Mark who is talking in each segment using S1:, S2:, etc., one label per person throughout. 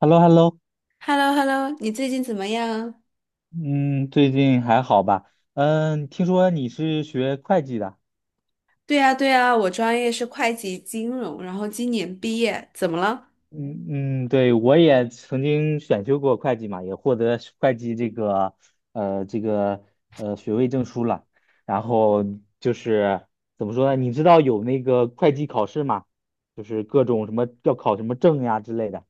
S1: h e l l o h e l l o。
S2: h e l l o h e l l o 你最近怎么样？
S1: 嗯，最近还好吧？听说你是学会计的。
S2: 对呀，对呀，我专业是会计金融，然后今年毕业，怎么了？
S1: 嗯对，我也曾经选修过会计嘛，也获得会计这个呃这个学位证书了。然后就是怎么说呢？你知道有那个会计考试吗？就是各种什么要考什么证呀之类的。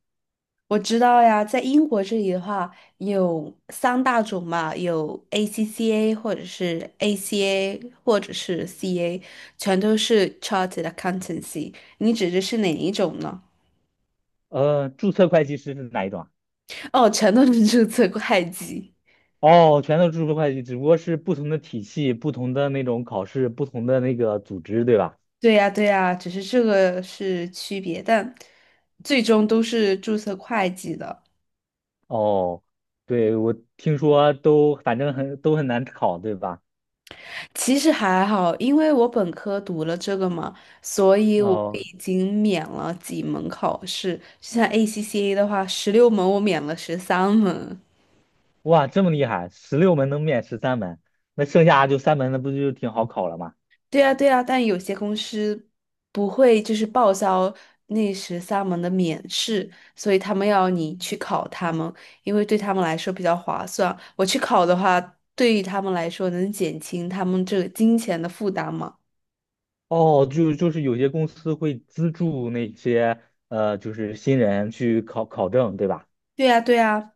S2: 我知道呀，在英国这里的话，有三大种嘛，有 ACCA 或者是 ACA 或者是 CA，全都是 Chartered Accountancy。你指的是哪一种呢？
S1: 注册会计师是哪一种啊？
S2: 哦，全都是注册会计。
S1: 哦，全都是注册会计，只不过是不同的体系、不同的那种考试、不同的那个组织，对吧？
S2: 对呀，对呀，只是这个是区别，但最终都是注册会计的。
S1: 哦，对，我听说都反正很很难考，对吧？
S2: 其实还好，因为我本科读了这个嘛，所以我
S1: 哦，
S2: 已经免了几门考试。就像 ACCA 的话，16门我免了十三门。
S1: 哇，这么厉害，十六门能免十三门，那剩下就三门，那不就挺好考了吗？
S2: 对呀，对呀，但有些公司不会就是报销那十三门的免试，所以他们要你去考他们，因为对他们来说比较划算。我去考的话，对于他们来说能减轻他们这个金钱的负担嘛。
S1: 哦，就是有些公司会资助那些就是新人去考证，对吧？
S2: 对呀，对呀，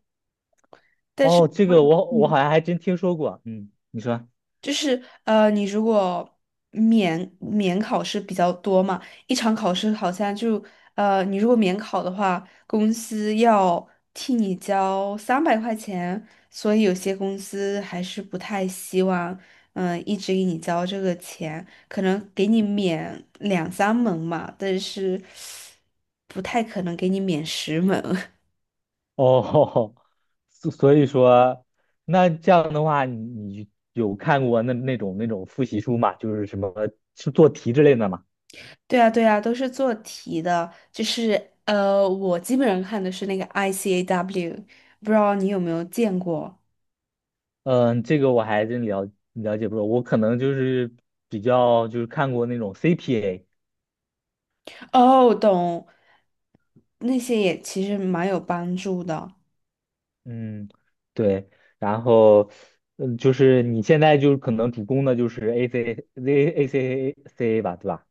S2: 但是。
S1: 哦，这个我
S2: 嗯。
S1: 好像还真听说过，嗯，你说。
S2: 就是你如果免考试比较多嘛，一场考试好像就你如果免考的话，公司要替你交300块钱，所以有些公司还是不太希望一直给你交这个钱，可能给你免两三门嘛，但是不太可能给你免10门。
S1: 哦，所以说，那这样的话，你有看过那种复习书吗？就是什么是做题之类的吗？
S2: 对啊，对啊，都是做题的，就是我基本上看的是那个 ICAW，不知道你有没有见过？
S1: 嗯，这个我还真了解不多，我可能就是比较就是看过那种 CPA。
S2: 哦，懂，那些也其实蛮有帮助的。
S1: 嗯，对，然后就是你现在就是可能主攻的就是 ACA CA 吧，对吧？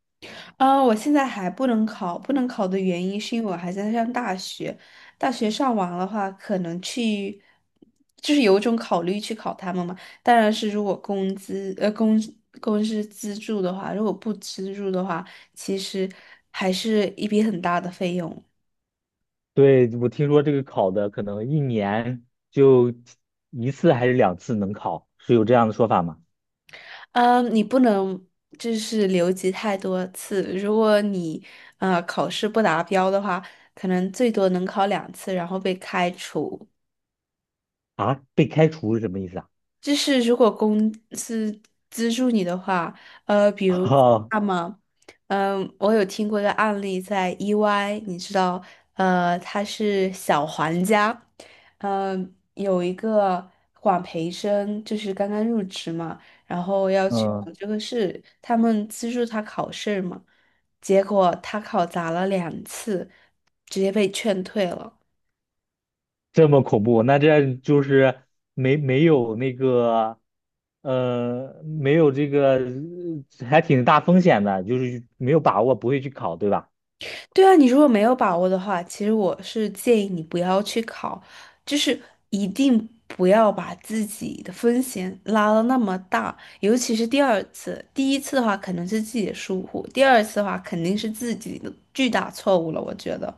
S2: 啊，我现在还不能考，不能考的原因是因为我还在上大学。大学上完的话，可能去，就是有一种考虑去考他们嘛。当然是如果工资，公司资助的话，如果不资助的话，其实还是一笔很大的费用。
S1: 对，我听说这个考的可能一年就一次还是两次能考，是有这样的说法吗？
S2: 嗯，你不能就是留级太多次。如果你考试不达标的话，可能最多能考两次，然后被开除。
S1: 啊，被开除是什么意思啊？
S2: 就是如果公司资助你的话，比 如
S1: 哦，
S2: 那么，我有听过一个案例，在 EY，你知道，他是小黄家，有一个管培生，就是刚刚入职嘛，然后要去考
S1: 嗯，
S2: 这个试，他们资助他考试嘛，结果他考砸了两次，直接被劝退了。
S1: 这么恐怖，那这就是没有那个，没有这个，还挺大风险的，就是没有把握，不会去考，对吧？
S2: 对啊，你如果没有把握的话，其实我是建议你不要去考，就是一定不要把自己的风险拉到那么大，尤其是第二次，第一次的话可能是自己的疏忽，第二次的话肯定是自己的巨大错误了，我觉得。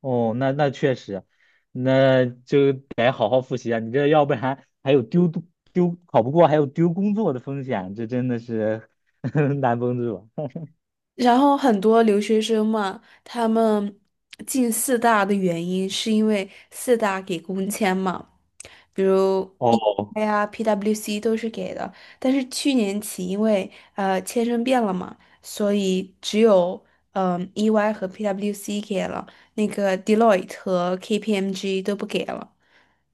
S1: 哦，那那确实，那就得好好复习啊！你这要不然还有丢考不过，还有丢工作的风险，这真的是 难绷住。
S2: 然后很多留学生嘛，他们进四大的原因是因为四大给工签嘛，比如
S1: 哦
S2: EY 呀、PWC 都是给的。但是去年起，因为签证变了嘛，所以只有EY 和 PWC 给了，那个 Deloitte 和 KPMG 都不给了。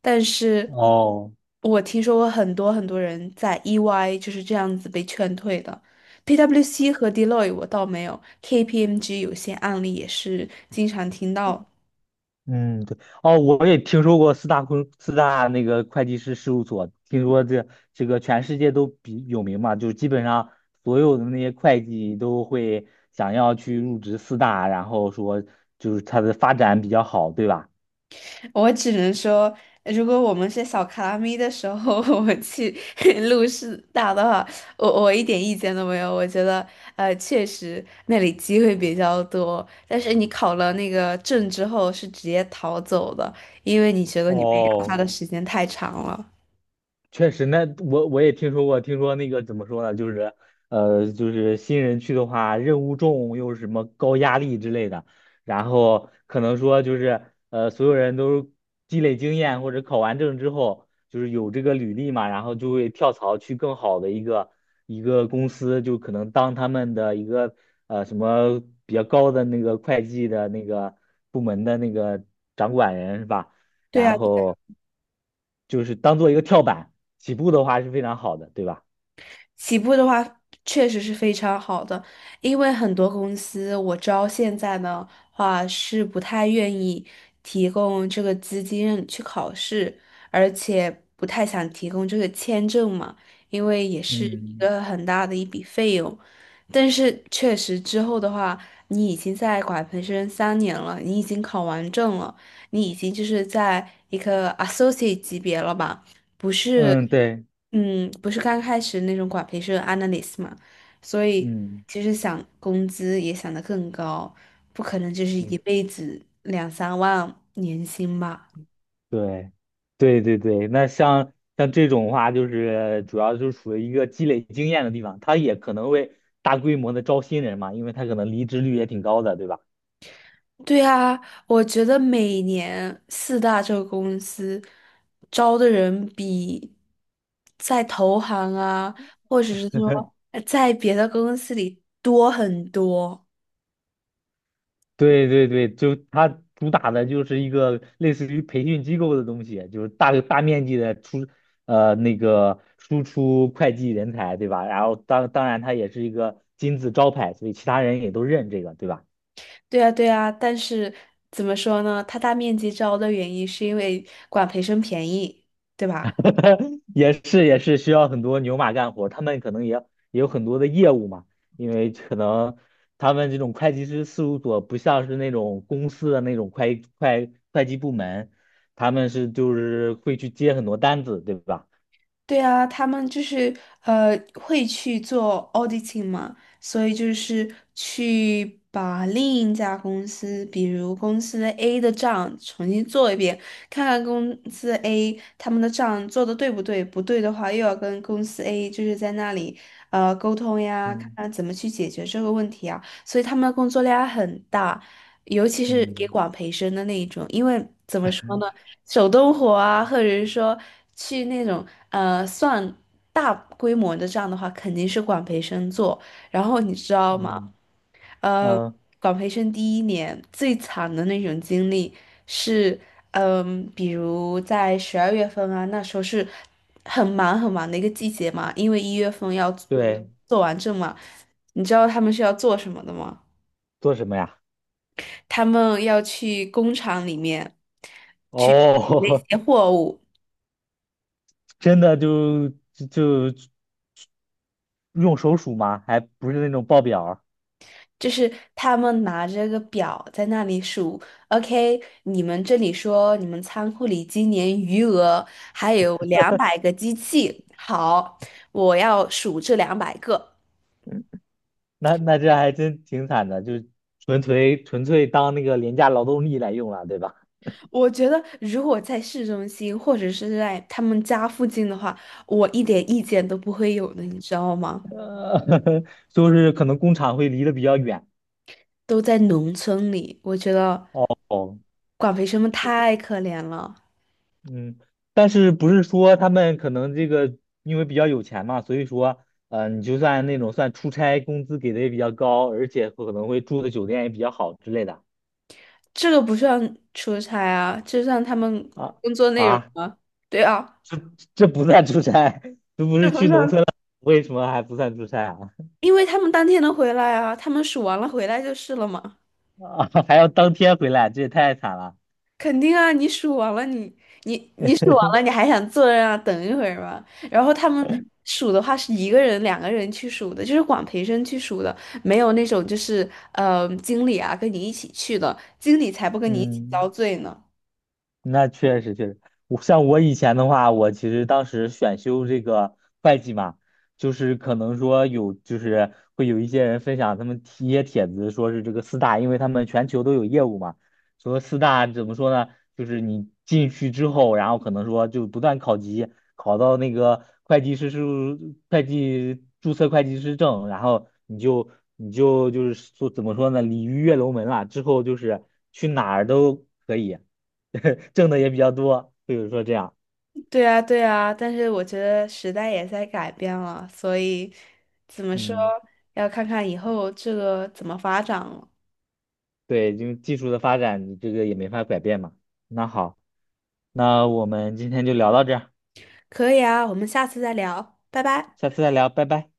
S2: 但是
S1: 哦。
S2: 我听说过很多很多人在 EY 就是这样子被劝退的。PwC 和 Deloitte 我倒没有，KPMG 有些案例也是经常听到。
S1: 嗯，对。哦，我也听说过四大那个会计师事务所，听说这个全世界都比有名嘛，就基本上所有的那些会计都会想要去入职四大，然后说就是它的发展比较好，对吧？
S2: 我只能说，如果我们是小卡拉咪的时候，我们去 录视大的话，我一点意见都没有。我觉得，确实那里机会比较多，但是你考了那个证之后是直接逃走的，因为你觉得你被压榨
S1: 哦，
S2: 的时间太长了。
S1: 确实。那我我也听说过，听说那个怎么说呢，就是新人去的话，任务重又是什么高压力之类的，然后可能说所有人都积累经验或者考完证之后，就是有这个履历嘛，然后就会跳槽去更好的一个公司，就可能当他们的一个什么比较高的那个会计的那个部门的那个掌管人是吧？
S2: 对啊，
S1: 然后就是当做一个跳板，起步的话是非常好的，对吧？
S2: 起步的话确实是非常好的，因为很多公司我知道现在的话是不太愿意提供这个资金让你去考试，而且不太想提供这个签证嘛，因为也是一
S1: 嗯
S2: 个很大的一笔费用。但是确实之后的话，你已经在管培生3年了，你已经考完证了，你已经就是在一个 associate 级别了吧，不是。
S1: 嗯，对，
S2: 嗯，不是刚开始那种管培是 analyst 嘛，所以
S1: 嗯，
S2: 其实想工资也想得更高，不可能就是一
S1: 嗯,
S2: 辈子两三万年薪吧。
S1: 对，对对对。那像这种的话，就是主要就是属于一个积累经验的地方，他也可能会大规模的招新人嘛，因为他可能离职率也挺高的，对吧？
S2: 对啊，我觉得每年四大这个公司招的人比在投行啊，或者是说在别的公司里多很多。
S1: 对对对，就它主打的就是一个类似于培训机构的东西，就是大面积的出呃那个输出会计人才，对吧？然后当然它也是一个金字招牌，所以其他人也都认这个，对吧？
S2: 对啊，对啊，但是怎么说呢？它大面积招的原因是因为管培生便宜，对吧？
S1: 也是也是需要很多牛马干活，他们可能也有很多的业务嘛，因为可能他们这种会计师事务所不像是那种公司的那种会计部门，他们是就是会去接很多单子，对吧？
S2: 对啊，他们就是会去做 auditing 嘛，所以就是去把另一家公司，比如公司 A 的账重新做一遍，看看公司 A 他们的账做的对不对，不对的话又要跟公司 A 就是在那里沟通呀，看
S1: 嗯。
S2: 看怎么去解决这个问题啊，所以他们的工作量很大，尤其是给
S1: 嗯
S2: 管培生的那一种，因为怎么说
S1: 嗯
S2: 呢？手动活啊，或者是说去那种算大规模的这样的话，肯定是管培生做。然后你知道吗？
S1: 嗯
S2: 呃，
S1: 嗯,
S2: 管培生第一年最惨的那种经历是，比如在12月份啊，那时候是很忙很忙的一个季节嘛，因为1月份要做
S1: 对，
S2: 做完证嘛。你知道他们是要做什么的吗？
S1: 做什么呀？
S2: 他们要去工厂里面去取那
S1: 哦，
S2: 些货物。
S1: 真的就用手数吗？还不是那种报表儿。
S2: 就是他们拿着个表在那里数，OK，你们这里说你们仓库里今年余额还有两百个机器，好，我要数这两百个。
S1: 那那这还真挺惨的，就纯粹当那个廉价劳动力来用了，对吧？
S2: 我觉得如果在市中心或者是在他们家附近的话，我一点意见都不会有的，你知道吗？
S1: 呃，就是可能工厂会离得比较远。
S2: 都在农村里，我觉得
S1: 哦。
S2: 管培生们太可怜了。
S1: 嗯，但是不是说他们可能这个因为比较有钱嘛，所以说，你就算那种算出差，工资给的也比较高，而且可能会住的酒店也比较好之类的。
S2: 这个不算出差啊，这算他们
S1: 啊
S2: 工作内容
S1: 啊，
S2: 啊。对啊。
S1: 这这不算出差，这不
S2: 是
S1: 是
S2: 不
S1: 去
S2: 是
S1: 农村了，为什么还不算出差啊？
S2: 因为他们当天能回来啊，他们数完了回来就是了嘛。
S1: 啊，还要当天回来，这也太惨了。
S2: 肯定啊，你数完了你，你数完了，你 还想坐在那啊？等一会儿吗？然后他们数的话是一个人、两个人去数的，就是管培生去数的，没有那种就是经理啊跟你一起去的，经理才不跟你一起遭
S1: 嗯。
S2: 罪呢。
S1: 那确实确实，我我以前的话，我其实当时选修这个会计嘛，就是可能说有，就是会有一些人分享他们一些帖子，说是这个四大，因为他们全球都有业务嘛，说四大怎么说呢？就是你进去之后，然后可能说就不断考级，考到那个会计注册会计师证，然后你就是说怎么说呢？鲤鱼跃龙门了，之后就是去哪儿都可以。挣的也比较多，比如说这样。
S2: 对啊，对啊，但是我觉得时代也在改变了，所以怎么说，
S1: 嗯，
S2: 要看看以后这个怎么发展了。
S1: 对，因为技术的发展，你这个也没法改变嘛。那好，那我们今天就聊到这儿，
S2: 可以啊，我们下次再聊，拜拜。
S1: 下次再聊，拜拜。